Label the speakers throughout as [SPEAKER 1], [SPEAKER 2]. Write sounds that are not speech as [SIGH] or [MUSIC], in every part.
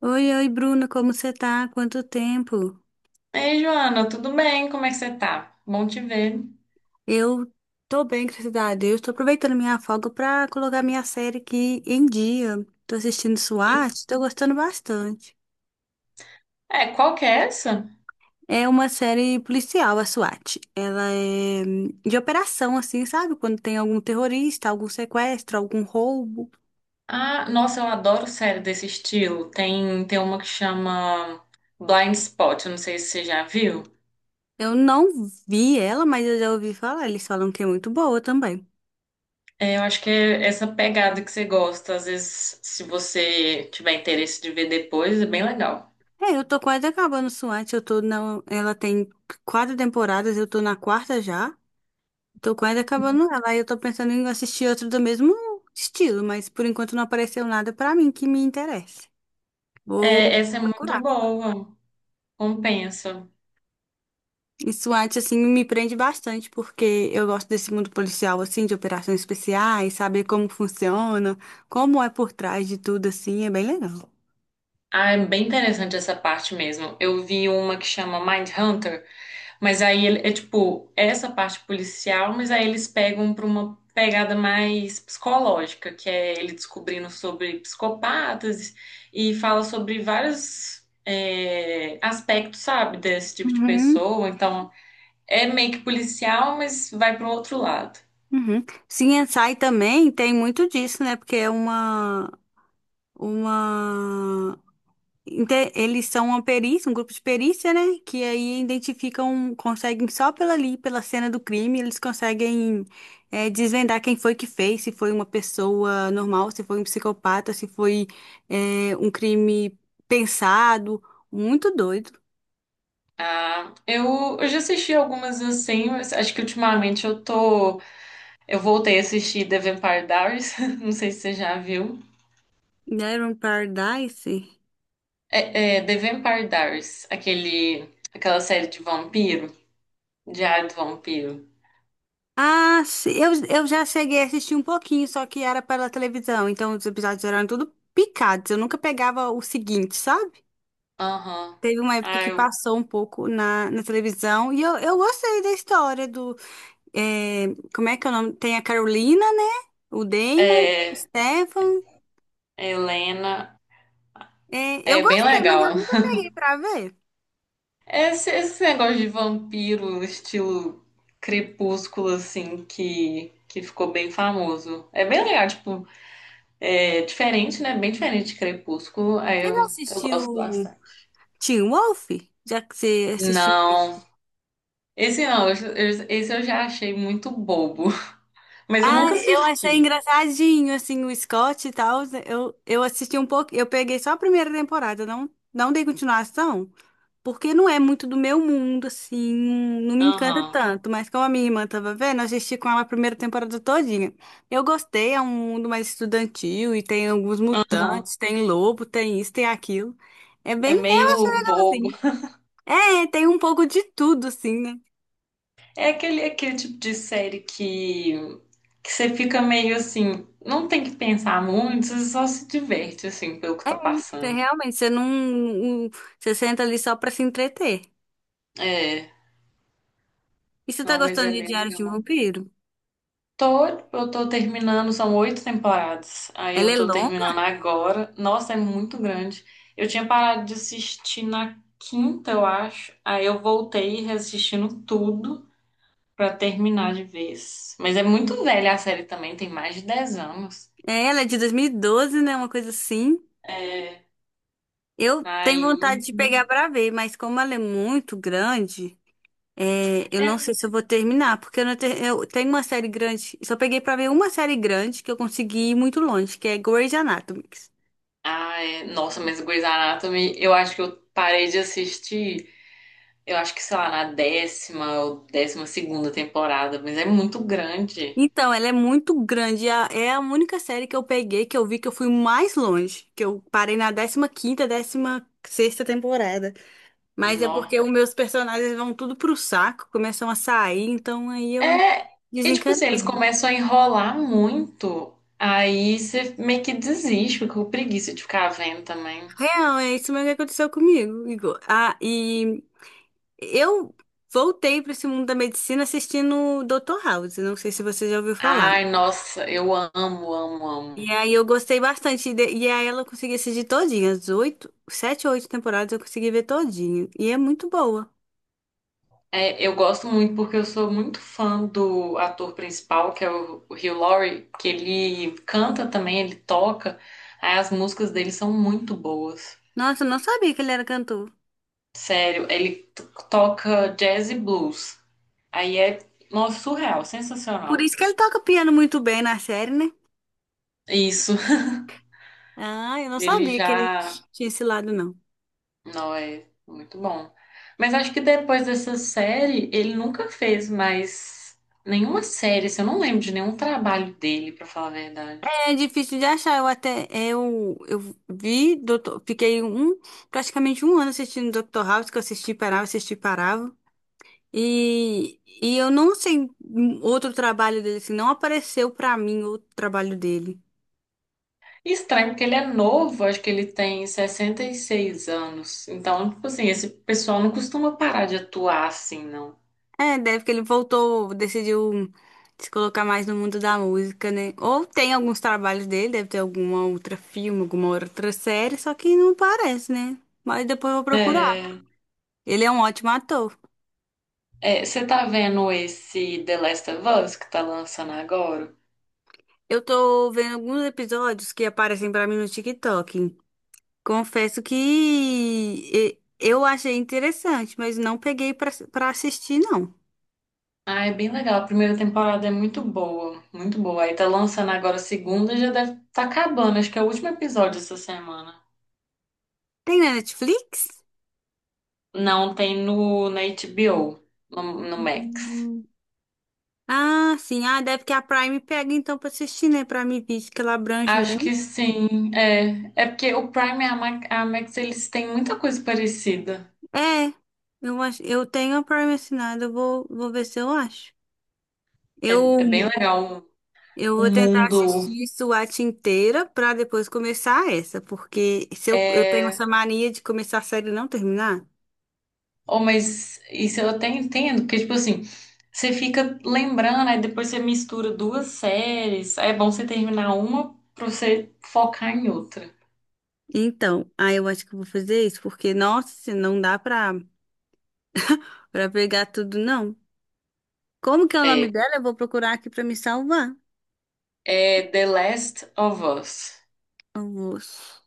[SPEAKER 1] Oi, oi, Bruna, como você tá? Quanto tempo?
[SPEAKER 2] Ei, Joana, tudo bem? Como é que você tá? Bom te ver.
[SPEAKER 1] Eu tô bem, graças a Deus. Tô aproveitando minha folga pra colocar minha série aqui em dia. Tô assistindo
[SPEAKER 2] E-
[SPEAKER 1] SWAT, tô gostando bastante.
[SPEAKER 2] Qual que é essa?
[SPEAKER 1] É uma série policial, a SWAT. Ela é de operação, assim, sabe? Quando tem algum terrorista, algum sequestro, algum roubo.
[SPEAKER 2] Ah, nossa, eu adoro série desse estilo. Tem uma que chama Blind Spot, eu não sei se você já viu.
[SPEAKER 1] Eu não vi ela, mas eu já ouvi falar. Eles falam que é muito boa também.
[SPEAKER 2] É, eu acho que é essa pegada que você gosta. Às vezes, se você tiver interesse de ver depois, é bem legal.
[SPEAKER 1] É, eu tô quase acabando SWAT. Eu tô na. Ela tem quatro temporadas, eu tô na quarta já. Tô quase acabando ela. E eu tô pensando em assistir outro do mesmo estilo, mas por enquanto não apareceu nada pra mim que me interesse. Vou
[SPEAKER 2] É, essa é muito
[SPEAKER 1] procurar.
[SPEAKER 2] boa, compensa.
[SPEAKER 1] Isso antes, assim, me prende bastante, porque eu gosto desse mundo policial, assim, de operações especiais, saber como funciona, como é por trás de tudo, assim, é bem legal.
[SPEAKER 2] Ah, é bem interessante essa parte mesmo. Eu vi uma que chama Mindhunter. Mas aí é tipo é essa parte policial, mas aí eles pegam para uma pegada mais psicológica, que é ele descobrindo sobre psicopatas e fala sobre vários aspectos, sabe, desse tipo de
[SPEAKER 1] Uhum,
[SPEAKER 2] pessoa. Então é meio que policial, mas vai para o outro lado.
[SPEAKER 1] uhum. CSI também tem muito disso, né? Porque é uma eles são uma perícia, um grupo de perícia, né? Que aí identificam, conseguem só pela ali, pela cena do crime, eles conseguem desvendar quem foi que fez, se foi uma pessoa normal, se foi um psicopata, se foi um crime pensado. Muito doido.
[SPEAKER 2] Ah, eu já assisti algumas assim, mas acho que ultimamente eu tô. Eu voltei a assistir The Vampire Diaries, [LAUGHS] não sei se você já viu.
[SPEAKER 1] Never Paradise?
[SPEAKER 2] É, é The Vampire Diaries, aquela série de vampiro, Diário do Vampiro.
[SPEAKER 1] Ah, eu já cheguei a assistir um pouquinho, só que era pela televisão, então os episódios eram tudo picados. Eu nunca pegava o seguinte, sabe?
[SPEAKER 2] Aham.
[SPEAKER 1] Teve uma época
[SPEAKER 2] Ah,
[SPEAKER 1] que
[SPEAKER 2] eu-
[SPEAKER 1] passou um pouco na televisão e eu gostei da história do. é, como é que é o nome? Tem a Carolina, né? O Damon, o
[SPEAKER 2] é,
[SPEAKER 1] Stefan.
[SPEAKER 2] Helena,
[SPEAKER 1] É, eu
[SPEAKER 2] é bem
[SPEAKER 1] gostei, mas eu
[SPEAKER 2] legal.
[SPEAKER 1] nunca peguei pra ver.
[SPEAKER 2] Esse negócio de vampiro, estilo crepúsculo, assim, que ficou bem famoso. É bem legal, tipo, é diferente, né? Bem diferente de crepúsculo, aí
[SPEAKER 1] Você já
[SPEAKER 2] eu gosto
[SPEAKER 1] assistiu
[SPEAKER 2] bastante.
[SPEAKER 1] Teen Wolf? Já que você assistiu ele?
[SPEAKER 2] Não, esse não, esse eu já achei muito bobo, [LAUGHS] mas eu
[SPEAKER 1] Ah,
[SPEAKER 2] nunca
[SPEAKER 1] eu achei
[SPEAKER 2] assisti.
[SPEAKER 1] engraçadinho, assim, o Scott e tal. Eu assisti um pouco, eu peguei só a primeira temporada, não, não dei continuação. Porque não é muito do meu mundo, assim, não me encanta
[SPEAKER 2] Aham.
[SPEAKER 1] tanto, mas como a minha irmã tava vendo, eu assisti com ela a primeira temporada todinha. Eu gostei, é um mundo mais estudantil e tem alguns
[SPEAKER 2] Aham.
[SPEAKER 1] mutantes, tem lobo, tem isso, tem aquilo. É
[SPEAKER 2] É
[SPEAKER 1] bem legal,
[SPEAKER 2] meio bobo.
[SPEAKER 1] assim. É, tem um pouco de tudo, assim, né?
[SPEAKER 2] É aquele, aquele tipo de série que você fica meio assim, não tem que pensar muito, você só se diverte assim pelo que tá
[SPEAKER 1] Você
[SPEAKER 2] passando.
[SPEAKER 1] realmente, você não, não- você senta ali só pra se entreter.
[SPEAKER 2] É,
[SPEAKER 1] E você tá
[SPEAKER 2] não, mas
[SPEAKER 1] gostando
[SPEAKER 2] é
[SPEAKER 1] de
[SPEAKER 2] bem
[SPEAKER 1] Diário de um
[SPEAKER 2] legal.
[SPEAKER 1] Vampiro?
[SPEAKER 2] Tô, eu tô terminando, são 8 temporadas. Aí
[SPEAKER 1] Ela
[SPEAKER 2] eu
[SPEAKER 1] é
[SPEAKER 2] tô
[SPEAKER 1] longa?
[SPEAKER 2] terminando agora. Nossa, é muito grande. Eu tinha parado de assistir na quinta, eu acho. Aí eu voltei reassistindo tudo pra terminar de vez. Mas é muito velha a série também, tem mais de 10 anos.
[SPEAKER 1] É, ela é de 2012, né? Uma coisa assim.
[SPEAKER 2] É,
[SPEAKER 1] Eu tenho
[SPEAKER 2] aí.
[SPEAKER 1] vontade de pegar para ver, mas como ela é muito grande, eu
[SPEAKER 2] É.
[SPEAKER 1] não sei se eu vou terminar, porque eu, não te- eu tenho uma série grande, só peguei para ver uma série grande que eu consegui ir muito longe, que é Grey's Anatomy.
[SPEAKER 2] Ai, nossa, mas Grey's Anatomy, eu acho que eu parei de assistir, eu acho que, sei lá, na 10ª ou 12ª temporada, mas é muito grande.
[SPEAKER 1] Então, ela é muito grande, é a única série que eu peguei que eu vi que eu fui mais longe, que eu parei na 15ª, 16ª temporada. Mas é
[SPEAKER 2] Nó.
[SPEAKER 1] porque os meus personagens vão tudo pro saco, começam a sair, então aí eu
[SPEAKER 2] É, e tipo assim, eles
[SPEAKER 1] desencantei.
[SPEAKER 2] começam a enrolar muito, aí você meio que desiste, fica com preguiça de ficar vendo também.
[SPEAKER 1] Real, é isso mesmo que aconteceu comigo, Igor. Ah, e eu voltei para esse mundo da medicina assistindo Dr. House, não sei se você já ouviu falar.
[SPEAKER 2] Ai, nossa, eu amo, amo, amo.
[SPEAKER 1] E aí eu gostei bastante, e aí ela consegui assistir todinha, as oito, sete ou oito temporadas eu consegui ver todinha, e é muito boa.
[SPEAKER 2] É, eu gosto muito porque eu sou muito fã do ator principal, que é o Hugh Laurie, que ele canta também, ele toca. Aí as músicas dele são muito boas.
[SPEAKER 1] Nossa, eu não sabia que ele era cantor.
[SPEAKER 2] Sério, toca jazz e blues. Aí é, nossa, surreal,
[SPEAKER 1] Por
[SPEAKER 2] sensacional.
[SPEAKER 1] isso que ele toca piano muito bem na série, né?
[SPEAKER 2] Isso,
[SPEAKER 1] Ah, eu
[SPEAKER 2] [LAUGHS]
[SPEAKER 1] não
[SPEAKER 2] ele
[SPEAKER 1] sabia que ele
[SPEAKER 2] já,
[SPEAKER 1] tinha esse lado, não.
[SPEAKER 2] não é muito bom. Mas acho que depois dessa série, ele nunca fez mais nenhuma série, assim, eu não lembro de nenhum trabalho dele, pra falar a verdade.
[SPEAKER 1] É difícil de achar. Eu até eu vi, doutor, fiquei um praticamente um ano assistindo Dr. House, que eu assisti, parava, assisti, parava. E eu não sei outro trabalho dele, assim, não apareceu pra mim outro trabalho dele.
[SPEAKER 2] Estranho, porque ele é novo, acho que ele tem 66 anos. Então, tipo assim, esse pessoal não costuma parar de atuar assim, não.
[SPEAKER 1] É, deve que ele voltou, decidiu se colocar mais no mundo da música, né? Ou tem alguns trabalhos dele, deve ter alguma outra filme, alguma outra série, só que não aparece, né? Mas depois eu vou procurar. Ele é um ótimo ator.
[SPEAKER 2] É, você tá vendo esse The Last of Us que tá lançando agora?
[SPEAKER 1] Eu tô vendo alguns episódios que aparecem pra mim no TikTok. Confesso que eu achei interessante, mas não peguei pra assistir, não.
[SPEAKER 2] Ah, é bem legal. A primeira temporada é muito boa, muito boa. Aí tá lançando agora a segunda, já deve tá acabando. Acho que é o último episódio essa semana.
[SPEAKER 1] Tem na Netflix?
[SPEAKER 2] Não, tem na HBO, no Max.
[SPEAKER 1] Hum, Ah, sim. Ah, deve que a Prime pega então pra assistir, né? Pra mim, visto que ela abrange
[SPEAKER 2] Acho
[SPEAKER 1] muito.
[SPEAKER 2] que sim. É, é porque o Prime e a a Max, eles têm muita coisa parecida.
[SPEAKER 1] É, eu acho, eu tenho a Prime assinada, eu vou ver se eu acho.
[SPEAKER 2] É,
[SPEAKER 1] Eu
[SPEAKER 2] é bem legal
[SPEAKER 1] Eu
[SPEAKER 2] o
[SPEAKER 1] vou tentar
[SPEAKER 2] mundo.
[SPEAKER 1] assistir SWAT inteira pra depois começar essa, porque se eu, eu tenho
[SPEAKER 2] É...
[SPEAKER 1] essa mania de começar a série e não terminar.
[SPEAKER 2] Oh, mas isso eu até entendo, porque, tipo assim, você fica lembrando, aí depois você mistura duas séries. Aí é bom você terminar uma pra você focar em outra.
[SPEAKER 1] Então, aí eu acho que eu vou fazer isso, porque, nossa, não dá pra pegar tudo, não. Como que é o nome
[SPEAKER 2] É,
[SPEAKER 1] dela? Eu vou procurar aqui pra me salvar.
[SPEAKER 2] é The Last of Us.
[SPEAKER 1] Eu vou s-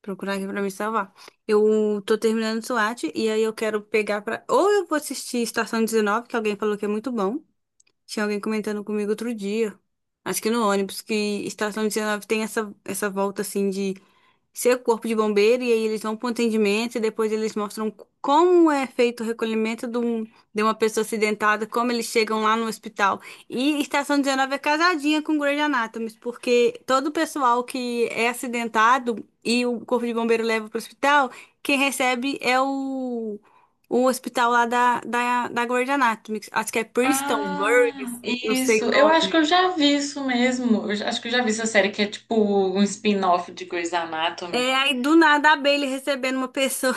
[SPEAKER 1] procurar aqui pra me salvar. Eu tô terminando SWAT e aí eu quero pegar pra. Ou eu vou assistir Estação 19, que alguém falou que é muito bom. Tinha alguém comentando comigo outro dia, acho que no ônibus, que estação 19 tem essa volta assim de ser corpo de bombeiro e aí eles vão para o atendimento e depois eles mostram como é feito o recolhimento de uma pessoa acidentada, como eles chegam lá no hospital. E Estação 19 é casadinha com Grey's Anatomy, porque todo o pessoal que é acidentado e o corpo de bombeiro leva para o hospital, quem recebe é o hospital lá da Grey's Anatomy, acho que é Preston
[SPEAKER 2] Ah,
[SPEAKER 1] Burgess, não sei
[SPEAKER 2] isso.
[SPEAKER 1] o
[SPEAKER 2] Eu acho
[SPEAKER 1] nome.
[SPEAKER 2] que eu já vi isso mesmo. Acho que eu já vi essa série que é tipo um spin-off de Grey's Anatomy.
[SPEAKER 1] É, aí do nada a Bailey recebendo uma pessoa.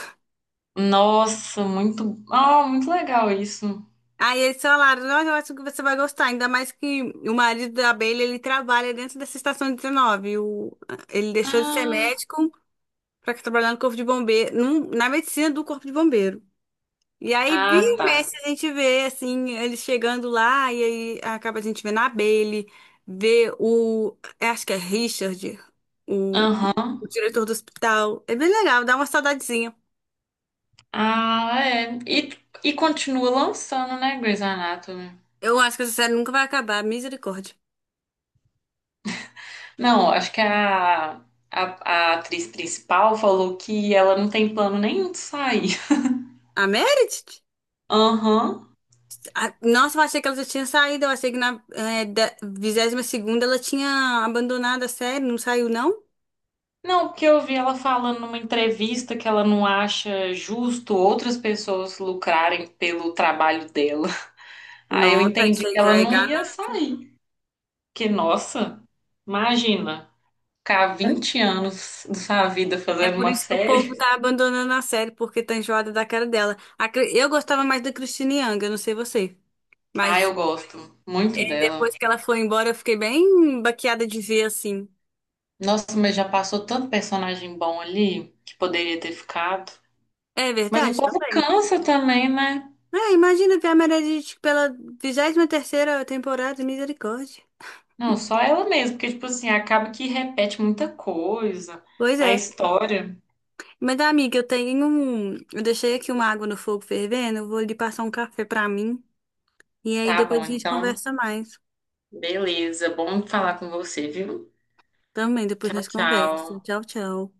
[SPEAKER 2] Nossa, muito, ah, muito legal isso.
[SPEAKER 1] Aí eles falaram, "Nossa, eu acho que você vai gostar, ainda mais que o marido da abelha, ele trabalha dentro dessa estação 19. O, ele deixou de ser
[SPEAKER 2] Ah,
[SPEAKER 1] médico para trabalhar no corpo de bombeiro, na medicina do corpo de bombeiro. E aí, vira
[SPEAKER 2] ah,
[SPEAKER 1] e
[SPEAKER 2] tá.
[SPEAKER 1] mexe, a gente vê, assim, eles chegando lá, e aí acaba a gente vendo a Bailey, vê o, acho que é Richard, o, o
[SPEAKER 2] Aham.
[SPEAKER 1] diretor do hospital. É bem legal, dá uma saudadezinha.
[SPEAKER 2] Ah, é. E continua lançando, né, Grey's Anatomy?
[SPEAKER 1] Eu acho que essa série nunca vai acabar, misericórdia.
[SPEAKER 2] Não, acho que a atriz principal falou que ela não tem plano nenhum de sair.
[SPEAKER 1] A Meredith?
[SPEAKER 2] Aham.
[SPEAKER 1] Ah, nossa, eu achei que ela já tinha saído. Eu achei que na 22ª ela tinha abandonado a série. Não saiu, não?
[SPEAKER 2] Não, porque eu vi ela falando numa entrevista que ela não acha justo outras pessoas lucrarem pelo trabalho dela. [LAUGHS] Aí eu
[SPEAKER 1] Nossa,
[SPEAKER 2] entendi
[SPEAKER 1] isso
[SPEAKER 2] que
[SPEAKER 1] aí já
[SPEAKER 2] ela
[SPEAKER 1] é
[SPEAKER 2] não ia
[SPEAKER 1] ganância.
[SPEAKER 2] sair. Porque, nossa, imagina, ficar
[SPEAKER 1] É
[SPEAKER 2] 20 anos da sua vida
[SPEAKER 1] é,
[SPEAKER 2] fazendo
[SPEAKER 1] por
[SPEAKER 2] uma
[SPEAKER 1] isso que o povo
[SPEAKER 2] série.
[SPEAKER 1] tá
[SPEAKER 2] [LAUGHS]
[SPEAKER 1] abandonando a série, porque tá enjoada da cara dela. Eu gostava mais da Christine Yang, eu não sei você.
[SPEAKER 2] Ah,
[SPEAKER 1] Mas
[SPEAKER 2] eu gosto muito dela.
[SPEAKER 1] depois que ela foi embora, eu fiquei bem baqueada de ver assim.
[SPEAKER 2] Nossa, mas já passou tanto personagem bom ali que poderia ter ficado.
[SPEAKER 1] É
[SPEAKER 2] Mas o
[SPEAKER 1] verdade
[SPEAKER 2] povo
[SPEAKER 1] também.
[SPEAKER 2] cansa também, né?
[SPEAKER 1] É, imagina ver a Meredith pela 23 terceira temporada, misericórdia.
[SPEAKER 2] Não, só ela mesmo, porque, tipo assim, acaba que repete muita coisa,
[SPEAKER 1] Pois
[SPEAKER 2] a
[SPEAKER 1] é.
[SPEAKER 2] história.
[SPEAKER 1] Mas, amiga, eu tenho um. Eu deixei aqui uma água no fogo fervendo. Eu vou ali passar um café pra mim. E aí
[SPEAKER 2] Tá
[SPEAKER 1] depois
[SPEAKER 2] bom,
[SPEAKER 1] a gente
[SPEAKER 2] então.
[SPEAKER 1] conversa mais.
[SPEAKER 2] Beleza. Bom falar com você, viu?
[SPEAKER 1] Também, depois
[SPEAKER 2] Tchau,
[SPEAKER 1] nós conversa.
[SPEAKER 2] tchau.
[SPEAKER 1] Tchau, tchau.